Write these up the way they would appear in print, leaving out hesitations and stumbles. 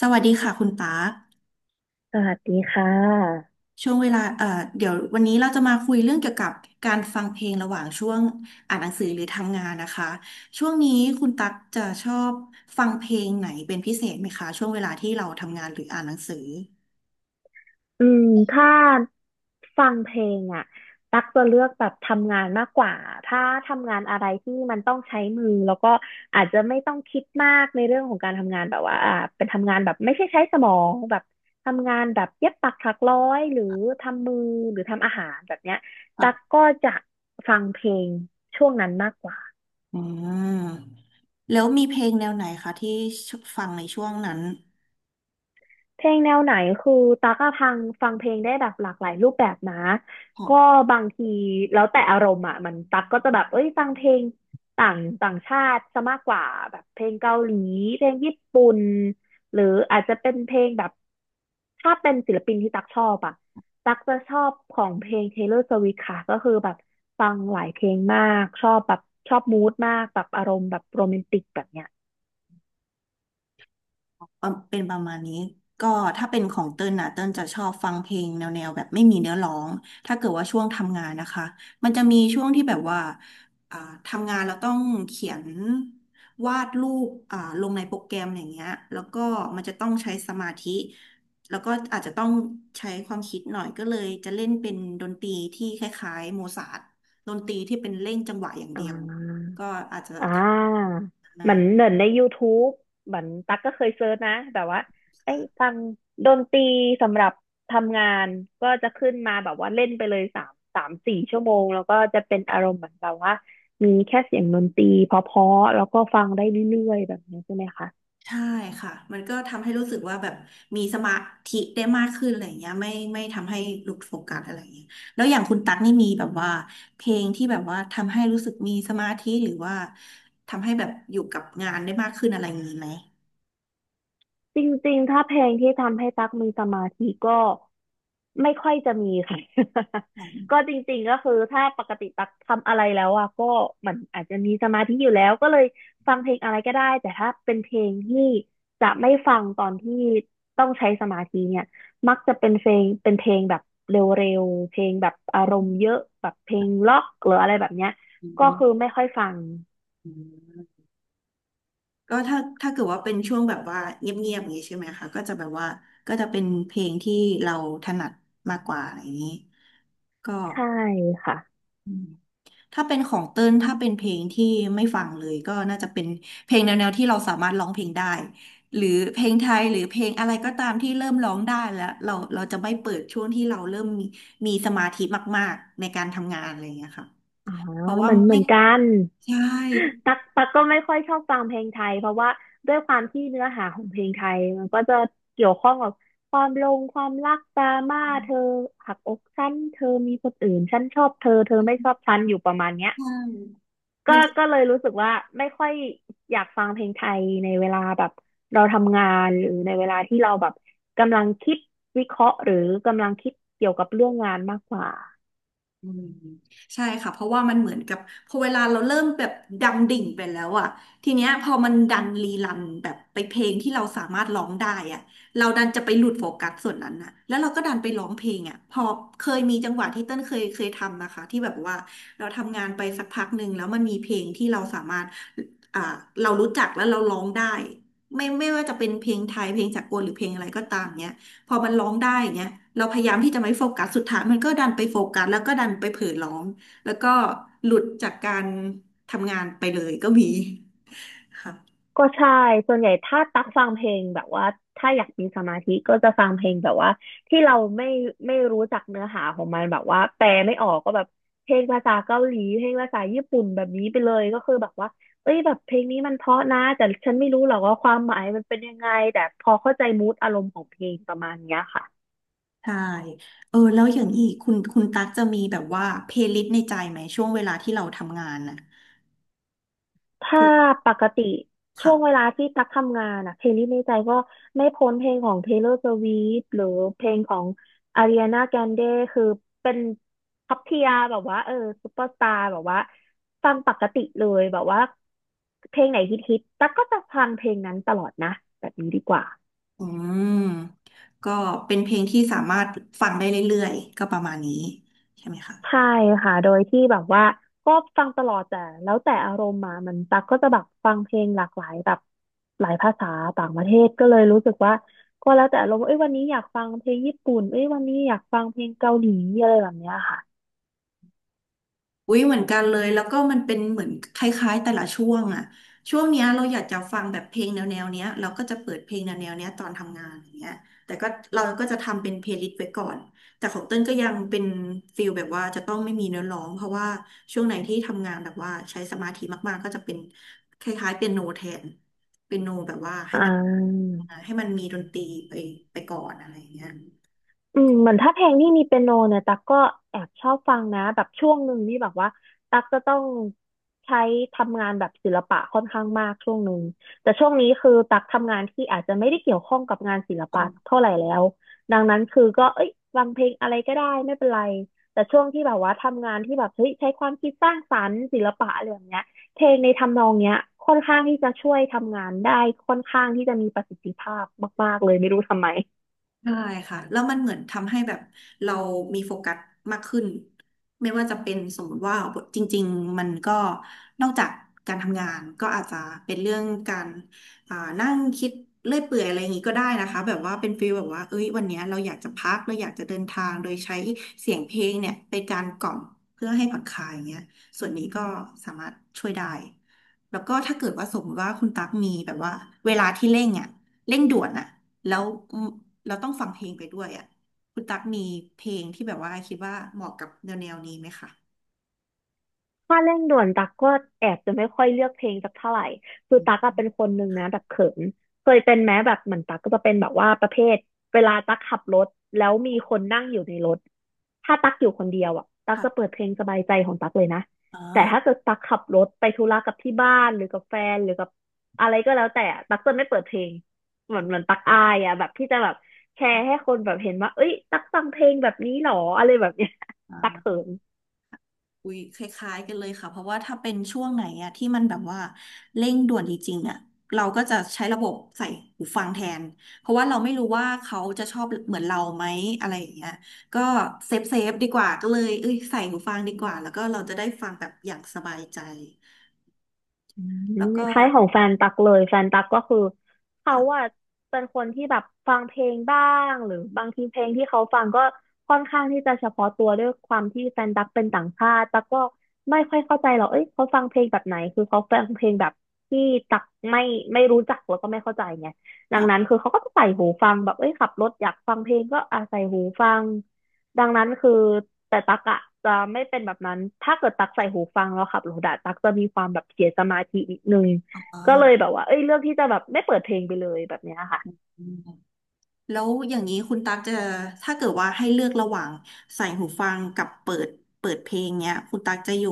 สวัสดีค่ะคุณปาร์คสวัสดีค่ะช่วงเวลาเดี๋ยววันนี้เราจะมาคุยเรื่องเกี่ยวกับการฟังเพลงระหว่างช่วงอ่านหนังสือหรือทำงานนะคะช่วงนี้คุณตั๊กจะชอบฟังเพลงไหนเป็นพิเศษไหมคะช่วงเวลาที่เราทำงานหรืออ่านหนังสืออืมถ้าฟังเพลงอ่ะตักจะเลือกแบบทำงานมากกว่าถ้าทำงานอะไรที่มันต้องใช้มือแล้วก็อาจจะไม่ต้องคิดมากในเรื่องของการทำงานแบบว่าเป็นทำงานแบบไม่ใช่ใช้สมองแบบทำงานแบบเย็บปักถักร้อยหรือทำมือหรือทำอาหารแบบเนี้ยตักอ่ะก็จะฟังเพลงช่วงนั้นมากกว่า อืมแล้วมีเพลงแนวไหนคะที่ฟังในช่วงนั้น เพลงแนวไหนคือตากอะพังฟังเพลงได้แบบหลากหลายรูปแบบนะก็บางทีแล้วแต่อารมณ์อ่ะมันตักก็จะแบบเอ้ยฟังเพลงต่างต่างชาติซะมากกว่าแบบเพลงเกาหลีเพลงญี่ปุ่นหรืออาจจะเป็นเพลงแบบถ้าเป็นศิลปินที่ตักชอบอ่ะตักจะชอบของเพลง Taylor Swift ค่ะก็คือแบบฟังหลายเพลงมากชอบแบบชอบมูดมากแบบอารมณ์แบบโรแมนติกแบบเนี้ยประมาณนี้ก็ถ้าเป็นของเติ้ลนะเติ้ลจะชอบฟังเพลงแนวแบบไม่มีเนื้อร้องถ้าเกิดว่าช่วงทำงานนะคะมันจะมีช่วงที่แบบว่าอ่าทำงานเราต้องเขียนวาดรูปลงในโปรแกรมอย่างเงี้ยแล้วก็มันจะต้องใช้สมาธิแล้วก็อาจจะต้องใช้ความคิดหน่อยก็เลยจะเล่นเป็นดนตรีที่คล้ายๆโมซาร์ทดนตรีที่เป็นเล่นจังหวะอย่างอ่า เดียวก็อาจจะอ่ทาเหมือนำา เหมือนใน YouTube เหมือนตั๊กก็เคยเซิร์ชนะแบบว่าไอ้ฟังดนตรีสำหรับทำงานก็จะขึ้นมาแบบว่าเล่นไปเลยสามสี่ชั่วโมงแล้วก็จะเป็นอารมณ์เหมือนแบบว่ามีแค่เสียงดนตรีเพราะๆแล้วก็ฟังได้เรื่อยๆแบบนี้ใช่ไหมคะ ใช่ค่ะ มันก็ทำให้รู้สึกว่าแบบมีสมาธิได้มากขึ้นอะไรอย่างเงี้ยไม่ทำให้หลุดโฟกัสอะไรอย่างเงี้ยแล้วอย่างคุณตั๊กนี่มีแบบว่าเพลงที่แบบว่าทำให้รู้สึกมีสมาธิหรือว่าทำให้แบบอยู่กับงานได้มากขึ้นอะไรอย่างงี้ไหมจริงๆถ้าเพลงที่ทำให้ตั๊กมีสมาธิก็ไม่ค่อยจะมีค่ะ อก็จริงๆก็คือถ้าปกติตั๊กทำอะไรแล้วอ่ะก็เหมันอาจจะมีสมาธิอยู่แล้วก็เลยฟังเพลงอะไรก็ได้แต่ถ้าเป็นเพลงที่จะไม่ฟังตอนที่ต้องใช้สมาธิเนี่ยมักจะเป็นเพลงแบบเร็วๆเพลงแบบอารมณ์เยอะแบบเพลงล็อกหรืออะไรแบบเนี้ยอก็คือไม่ค่อยฟังก็ถ้าเกิดว่าเป็นช่วงแบบว่าเงียบๆอย่างงี้ใช่ไหมคะก็จะแบบว่าก็จะเป็นเพลงที่เราถนัดมากกว่าอะไรอย่างงี้ก็ ใช่ค่ะถ้าเป็นของเติ้ลถ้าเป็นเพลงที่ไม่ฟังเลยก็น่าจะเป็นเพลงแนวๆที่เราสามารถร้องเพลงได้หรือเพลงไทยหรือเพลงอะไรก็ตามที่เริ่มร้องได้แล้วเราจะไม่เปิดช่วงที่เราเริ่มมีมีสมาธิมากๆในการทำงานอะไรอย่างเงี้ยค่ะอ่าเพราะว่ามันเหมืไม่อนกัน ใช่ตักก็ไม่ค่อยชอบฟังเพลงไทยเพราะว่าด้วยความที่เนื้อหาของเพลงไทยมันก็จะเกี่ยวข้องกับความลงความรักดราม่าเธอหักอกฉันเธอมีคนอื่นฉันชอบเธอเธอไม่ชอบฉันอยู่ประมาณเนี้ยใช่ก็มัน ก็เลยรู้สึกว่าไม่ค่อยอยากฟังเพลงไทยในเวลาแบบเราทำงานหรือในเวลาที่เราแบบกำลังคิดวิเคราะห์หรือกำลังคิดเกี่ยวกับเรื่องงานมากกว่า อืมใช่ค่ะเพราะว่ามันเหมือนกับพอเวลาเราเริ่มแบบดำดิ่งไปแล้วอะทีเนี้ยพอมันดันรีรันแบบไปเพลงที่เราสามารถร้องได้อะเราดันจะไปหลุดโฟกัสส่วนนั้นน่ะแล้วเราก็ดันไปร้องเพลงอะพอเคยมีจังหวะที่เต้นเคยทำนะคะที่แบบว่าเราทำงานไปสักพักหนึ่งแล้วมันมีเพลงที่เราสามารถอ่าเรารู้จักแล้วเราร้องได้ไม่ว่าจะเป็นเพลงไทยเพลงสากลหรือเพลงอะไรก็ตามเนี้ย พอมันร้องได้อย่างเงี้ยเราพยายามที่จะไม่โฟกัสสุดท้ายมันก็ดันไปโฟกัสแล้วก็ดันไปเผลอร้องแล้วก็หลุดจากการทำงานไปเลยก็มีค่ะก็ใช่ส่วนใหญ่ถ้าตักฟังเพลงแบบว่าถ้าอยากมีสมาธิก็จะฟังเพลงแบบว่าที่เราไม่รู้จักเนื้อหาของมันแบบว่าแปลไม่ออกก็แบบเพลงภาษาเกาหลีเพลงภาษาญี่ปุ่นแบบนี้ไปเลยก็คือแบบว่าเอ้ยแบบเพลงนี้มันเพราะนะแต่ฉันไม่รู้หรอกว่าความหมายมันเป็นยังไงแต่พอเข้าใจมูดอารมณ์ของเพลงประมาณเนี้ยค่ะ ใช่เออแล้วอย่างนี้คุณตั๊กจะมีแบบว่าเพลย์ลิสต์ในใจไหมช่วงเวลาที่เราทำงานน่ะถ้าถูกปกติช่วงเวค่ะลาที่ตักทำงานอะเพลงที่ในใจก็ไม่พ้นเพลงของ Taylor Swift หรือเพลงของ Ariana Grande คือเป็นท็อปเทียแบบว่าเออซุปเปอร์สตาร์แบบว่าฟังปกติเลยแบบว่าเพลงไหนฮิตๆตักก็จะฟังเพลงนั้นตลอดนะแบบนี้ดีกว่า อืมก็เป็นเพลงที่สามารถฟังได้เรื่อยๆก็ประมาณนี้ใช่ไหมคะ ใช่ค่ะ โดยที่แบบว่าก็ฟังตลอดแต่แล้วแต่อารมณ์มามันตักก็จะแบบฟังเพลงหลากหลายแบบหลายภาษาต่างประเทศก็เลยรู้สึกว่าก็แล้วแต่อารมณ์เอ้ยวันนี้อยากฟังเพลงญี่ปุ่นเอ้ยวันนี้อยากฟังเพลงเกาหลีอะไรแบบเนี้ยค่ะอุ๊ยเหมือนกันเลยแล้วก็มันเป็นเหมือนคล้ายๆแต่ละช่วงอะช่วงเนี้ยเราอยากจะฟังแบบเพลงแนวเนี้ยเราก็จะเปิดเพลงแนวเนี้ยตอนทำงานอย่างเงี้ยแต่ก็เราก็จะทำเป็นเพลย์ลิสต์ไว้ก่อนแต่ของเต้นก็ยังเป็นฟิลแบบว่าจะต้องไม่มีเนื้อร้องเพราะว่าช่วงไหนที่ทำงานแบบว่าใช้สมาธิมากๆก็จะเป็นคล้ายๆเปียโนแทนเปียโนแบบว่าให้อ่มันา ให้มันมีดนตรีไปไปก่อนอะไรอย่างเงี้ย อืมเหมือนถ้าเพลงที่มีเปียโนเนี่ยตั๊กก็แอบชอบฟังนะแบบช่วงหนึ่งนี่แบบว่าตั๊กจะต้องใช้ทำงานแบบศิลปะค่อนข้างมากช่วงหนึ่งแต่ช่วงนี้คือตั๊กทำงานที่อาจจะไม่ได้เกี่ยวข้องกับงานศิลปะเท่าไหร่แล้วดังนั้นคือก็เอ้ยฟังเพลงอะไรก็ได้ไม่เป็นไรแต่ช่วงที่แบบว่าทำงานที่แบบเฮ้ยใช้ความคิดสร้างสรรค์ศิลปะอะไรอย่างเงี้ยเพลงในทำนองเนี้ยค่อนข้างที่จะช่วยทำงานได้ค่อนข้างที่จะมีประสิทธิภาพมากๆเลยไม่รู้ทำไม ใช่ค่ะแล้วมันเหมือนทำให้แบบเรามีโฟกัสมากขึ้นไม่ว่าจะเป็นสมมติว่าจริงๆมันก็นอกจากการทำงานก็อาจจะเป็นเรื่องการนั่งคิดเลื่อยเปื่อยอะไรอย่างงี้ก็ได้นะคะแบบว่าเป็นฟีลแบบว่าเอ้ยวันเนี้ยเราอยากจะพักเราอยากจะเดินทางโดยใช้เสียงเพลงเนี่ยเป็นการกล่อมเพื่อให้ผ่อนคลายอย่างเงี้ยส่วนนี้ก็สามารถช่วยได้แล้วก็ถ้าเกิดว่าสมมติว่าคุณตั๊กมีแบบว่าเวลาที่เร่งอ่ะ เร่งด่วนอะแล้วอืมเราต้องฟังเพลงไปด้วยอะคุณตั๊กมีเพลงที่แบบว่าคิดว่าเหมาะกับแนวนี้ไหมคะถ้าเร่งด่วนตักก็แอบจะไม่ค่อยเลือกเพลงสักเท่าไหร่คืออืตักอะเป็นมคนหนึ่งนะแบบเขินเคยเป็นแม้แบบเหมือนตักก็จะเป็นแบบว่าประเภทเวลาตักขับรถแล้วมีคนนั่งอยู่ในรถถ้าตักอยู่คนเดียวอ่ะตักจะเปิค่ะดเพลงสบายใจของตักเลยนะอ๋อแต่ถ้าเกิดตักขับรถไปธุระกับที่บ้านหรือกับแฟนหรือกับอะไรก็แล้วแต่อะตักจะไม่เปิดเพลงเหมือนตักอายอ่ะแบบที่จะแบบแชร์ให้คนแบบเห็นว่าเอ้ยตักฟังเพลงแบบนี้หรออะไรแบบเนี้ย ตักเขิอาน อุ้ยคล้ายๆกันเลยค่ะเพราะว่าถ้าเป็นช่วงไหนอะที่มันแบบว่าเร่งด่วนจริงๆอะเราก็จะใช้ระบบใส่หูฟังแทนเพราะว่าเราไม่รู้ว่าเขาจะชอบเหมือนเราไหมอะไรอย่างเงี้ยก็เซฟดีกว่าก็เลยเอ้ยใส่หูฟังดีกว่าแล้วก็เราจะได้ฟังแบบอย่างสบายใจอืแล้วมก็คล้ายของแฟนตักเลยแฟนตักก็คือเขาค่ะอะเป็นคนที่แบบฟังเพลงบ้างหรือบางทีเพลงที่เขาฟังก็ค่อนข้างที่จะเฉพาะตัวด้วยความที่แฟนตักเป็นต่างชาติตักก็ไม่ค่อยเข้าใจหรอกเอ้ยเขาฟังเพลงแบบไหนคือเขาฟังเพลงแบบที่ตักไม่ไม่รู้จักแล้วก็ไม่เข้าใจไงดังนั้นค่ะคือเขาก็จะใส่หูฟังแบบเอ้ยขับรถอยากฟังเพลงก็อ่ะใส่หูฟัง ดังนั้นคือแต่ตักอะจะไม่เป็นแบบนั้น ถ้าเกิดตักใส่หูฟังแล้วขับรถอะตักจะมีความแบบเสียสมาธินิดนึงอ๋ก็เลยอ แบบว่าเอ้ยเลือกที่จะแบบไม่เปิดเพลงไปเลยแบบเนี้ยค่ะอืมแล้วอย่างนี้คุณตั๊กจะถ้าเกิดว่าให้เลือกระหว่างใส่หูฟังกับเปิดเพลงเนี้ยคุณตั๊กจะอยู่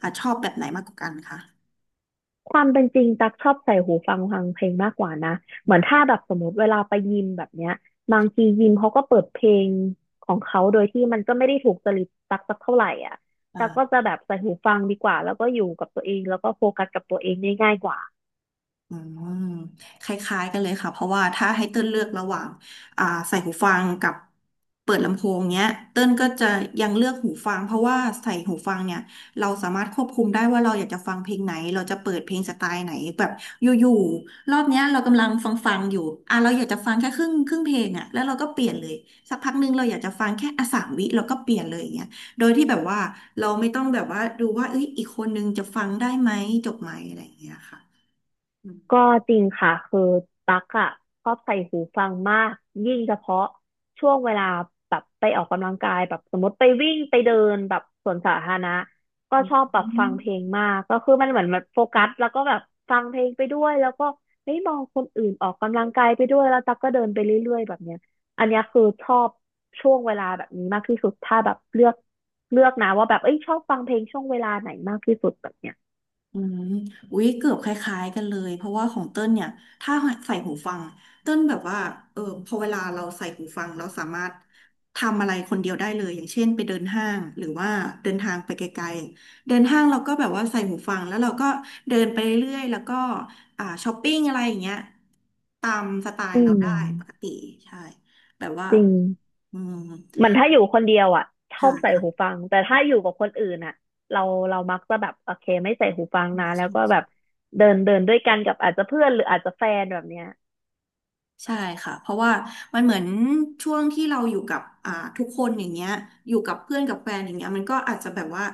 อ่ะชอบแบบไหนมากกว่ากันคะความเป็นจริงตักชอบใส่หูฟังฟังเพลงมากกว่านะอืเหมือนถ้ามแบบสมมติเวลาไปยิมแบบเนี้ยบางทียิมเขาก็เปิดเพลงของเขาโดยที่มันก็ไม่ได้ถูกจริตตักสักเท่าไหร่อ่ะตักก็จะอ่า แบบใส่หูฟังดีกว่าแล้วก็อยู่กับตัวเองแล้วก็โฟกัสกับตัวเองได้ง่ายกว่า อืมคล้ายๆกันเลยค่ะเพราะว่าถ้าให้เติ้ลเลือกระหว่างใส่หูฟังกับเปิดลำโพงเนี้ยเติ้ลก็จะยังเลือกหูฟังเพราะว่าใส่หูฟังเนี่ยเราสามารถควบคุมได้ว่าเราอยากจะฟังเพลงไหนเราจะเปิดเพลงสไตล์ไหนแบบอยู่ๆรอบเนี้ยเรากำลังฟังอยู่อ่ะเราอยากจะฟังแค่ครึ่งเพลงอ่ะแล้วเราก็เปลี่ยนเลยสักพักหนึงเราอยากจะฟังแค่สามวิเราก็เปลี่ยนเลยอย่างเงี้ยโดยที่แบบว่าเราไม่ต้องแบบว่าดูว่าเอ้ยอีกคนนึงจะฟังได้ไหมจบไหมอะไรอย่างเงี้ยค่ะ ก็จริงค่ะคือตั๊กอ่ะชอบใส่หูฟังมากยิ่งเฉพาะช่วงเวลาแบบไปออกกำลังกายแบบสมมติไปวิ่งไปเดินแบบสวนสาธารณะก็ชอบแบบฟัอืงเพลมงมากก็คือมันเหมือนมันโฟกัสแล้วก็แบบฟังเพลงไปด้วยแล้วก็เฮ้ยมองคนอื่นออกกำลังกายไปด้วยแล้วตั๊กก็เดินไปเรื่อยๆแบบเนี้ยอันเนี้ยคือชอบช่วงเวลาแบบนี้มากที่สุดถ้าแบบเลือกนะว่าแบบเอ้ยชอบฟังเพลงช่วงเวลาไหนมากที่สุดแบบเนี้ยอืมอุ๊ยเกือบคล้ายๆกันเลย เพราะว่าของเติ้ลเนี่ยถ้าใส่หูฟัง เติ้ลแบบว่าเออพอเวลาเราใส่หูฟังเราสามารถทำอะไรคนเดียวได้เลยอย่างเช่นไปเดินห้างหรือว่าเดินทางไปไกลๆเดินห้างเราก็แบบว่าใส่หูฟังแล้วเราก็เดินไปเรื่อยๆ แล้วก็ช้อปปิ้งอะไรอย่างเงี้ยตามสไตอืล์เราได้ปกมติใช่แบบว่าจริง อืมเหมือนถ้าอยู่คนเดียวอ่ะชอใช่บใส่ค่ะหูฟังแต่ถ้าอยู่กับคนอื่นอ่ะเราเรามักจะแบบโอเคไม่ใส่หูฟังใชนะแล้ว่ก็แบบใช่ เดินเดินด้วยกันกับอาจจะเพื่อนหรืออาจจะแฟนแบบเนี้ยใช่ค่ะเพราะว่ามันเหมือนช่วงที่เราอยู่กับทุกคนอย่างเงี้ยอยู่กับเพื่อนกับแฟนอย่างเงี้ยมันก็อาจจะแบบว่า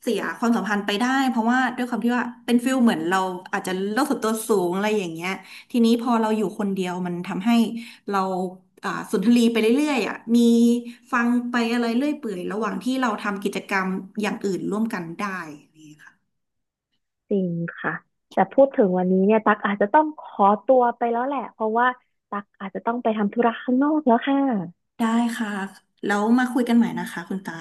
เสียความสัมพันธ์ไปได้เพราะว่าด้วยความที่ว่าเป็นฟิลเหมือนเราอาจจะโลกส่วนตัวสูงอะไรอย่างเงี้ยทีนี้พอเราอยู่คนเดียวมันทำให้เราสุนทรีไปเรื่อยๆอ่ะมีฟังไปอะไรเรื่อยเปื่อยระหว่างที่เราทำกิจกรรมอย่างอื่นร่วมกันได้นี่ค่ะจริงค่ะแต่พูดถึงวันนี้เนี่ยตักอาจจะต้องขอตัวไปแล้วแหละเพราะว่าตักอาจจะต้องไปทำธุระข้างนอกแล้วค่ะได้ค่ะแล้วมาคุยกันใหม่นะคะคุณตา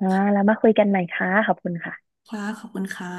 อ่าแล้วมาคุยกันใหม่ค่ะขอบคุณค่ะค่ะขอบคุณค่ะ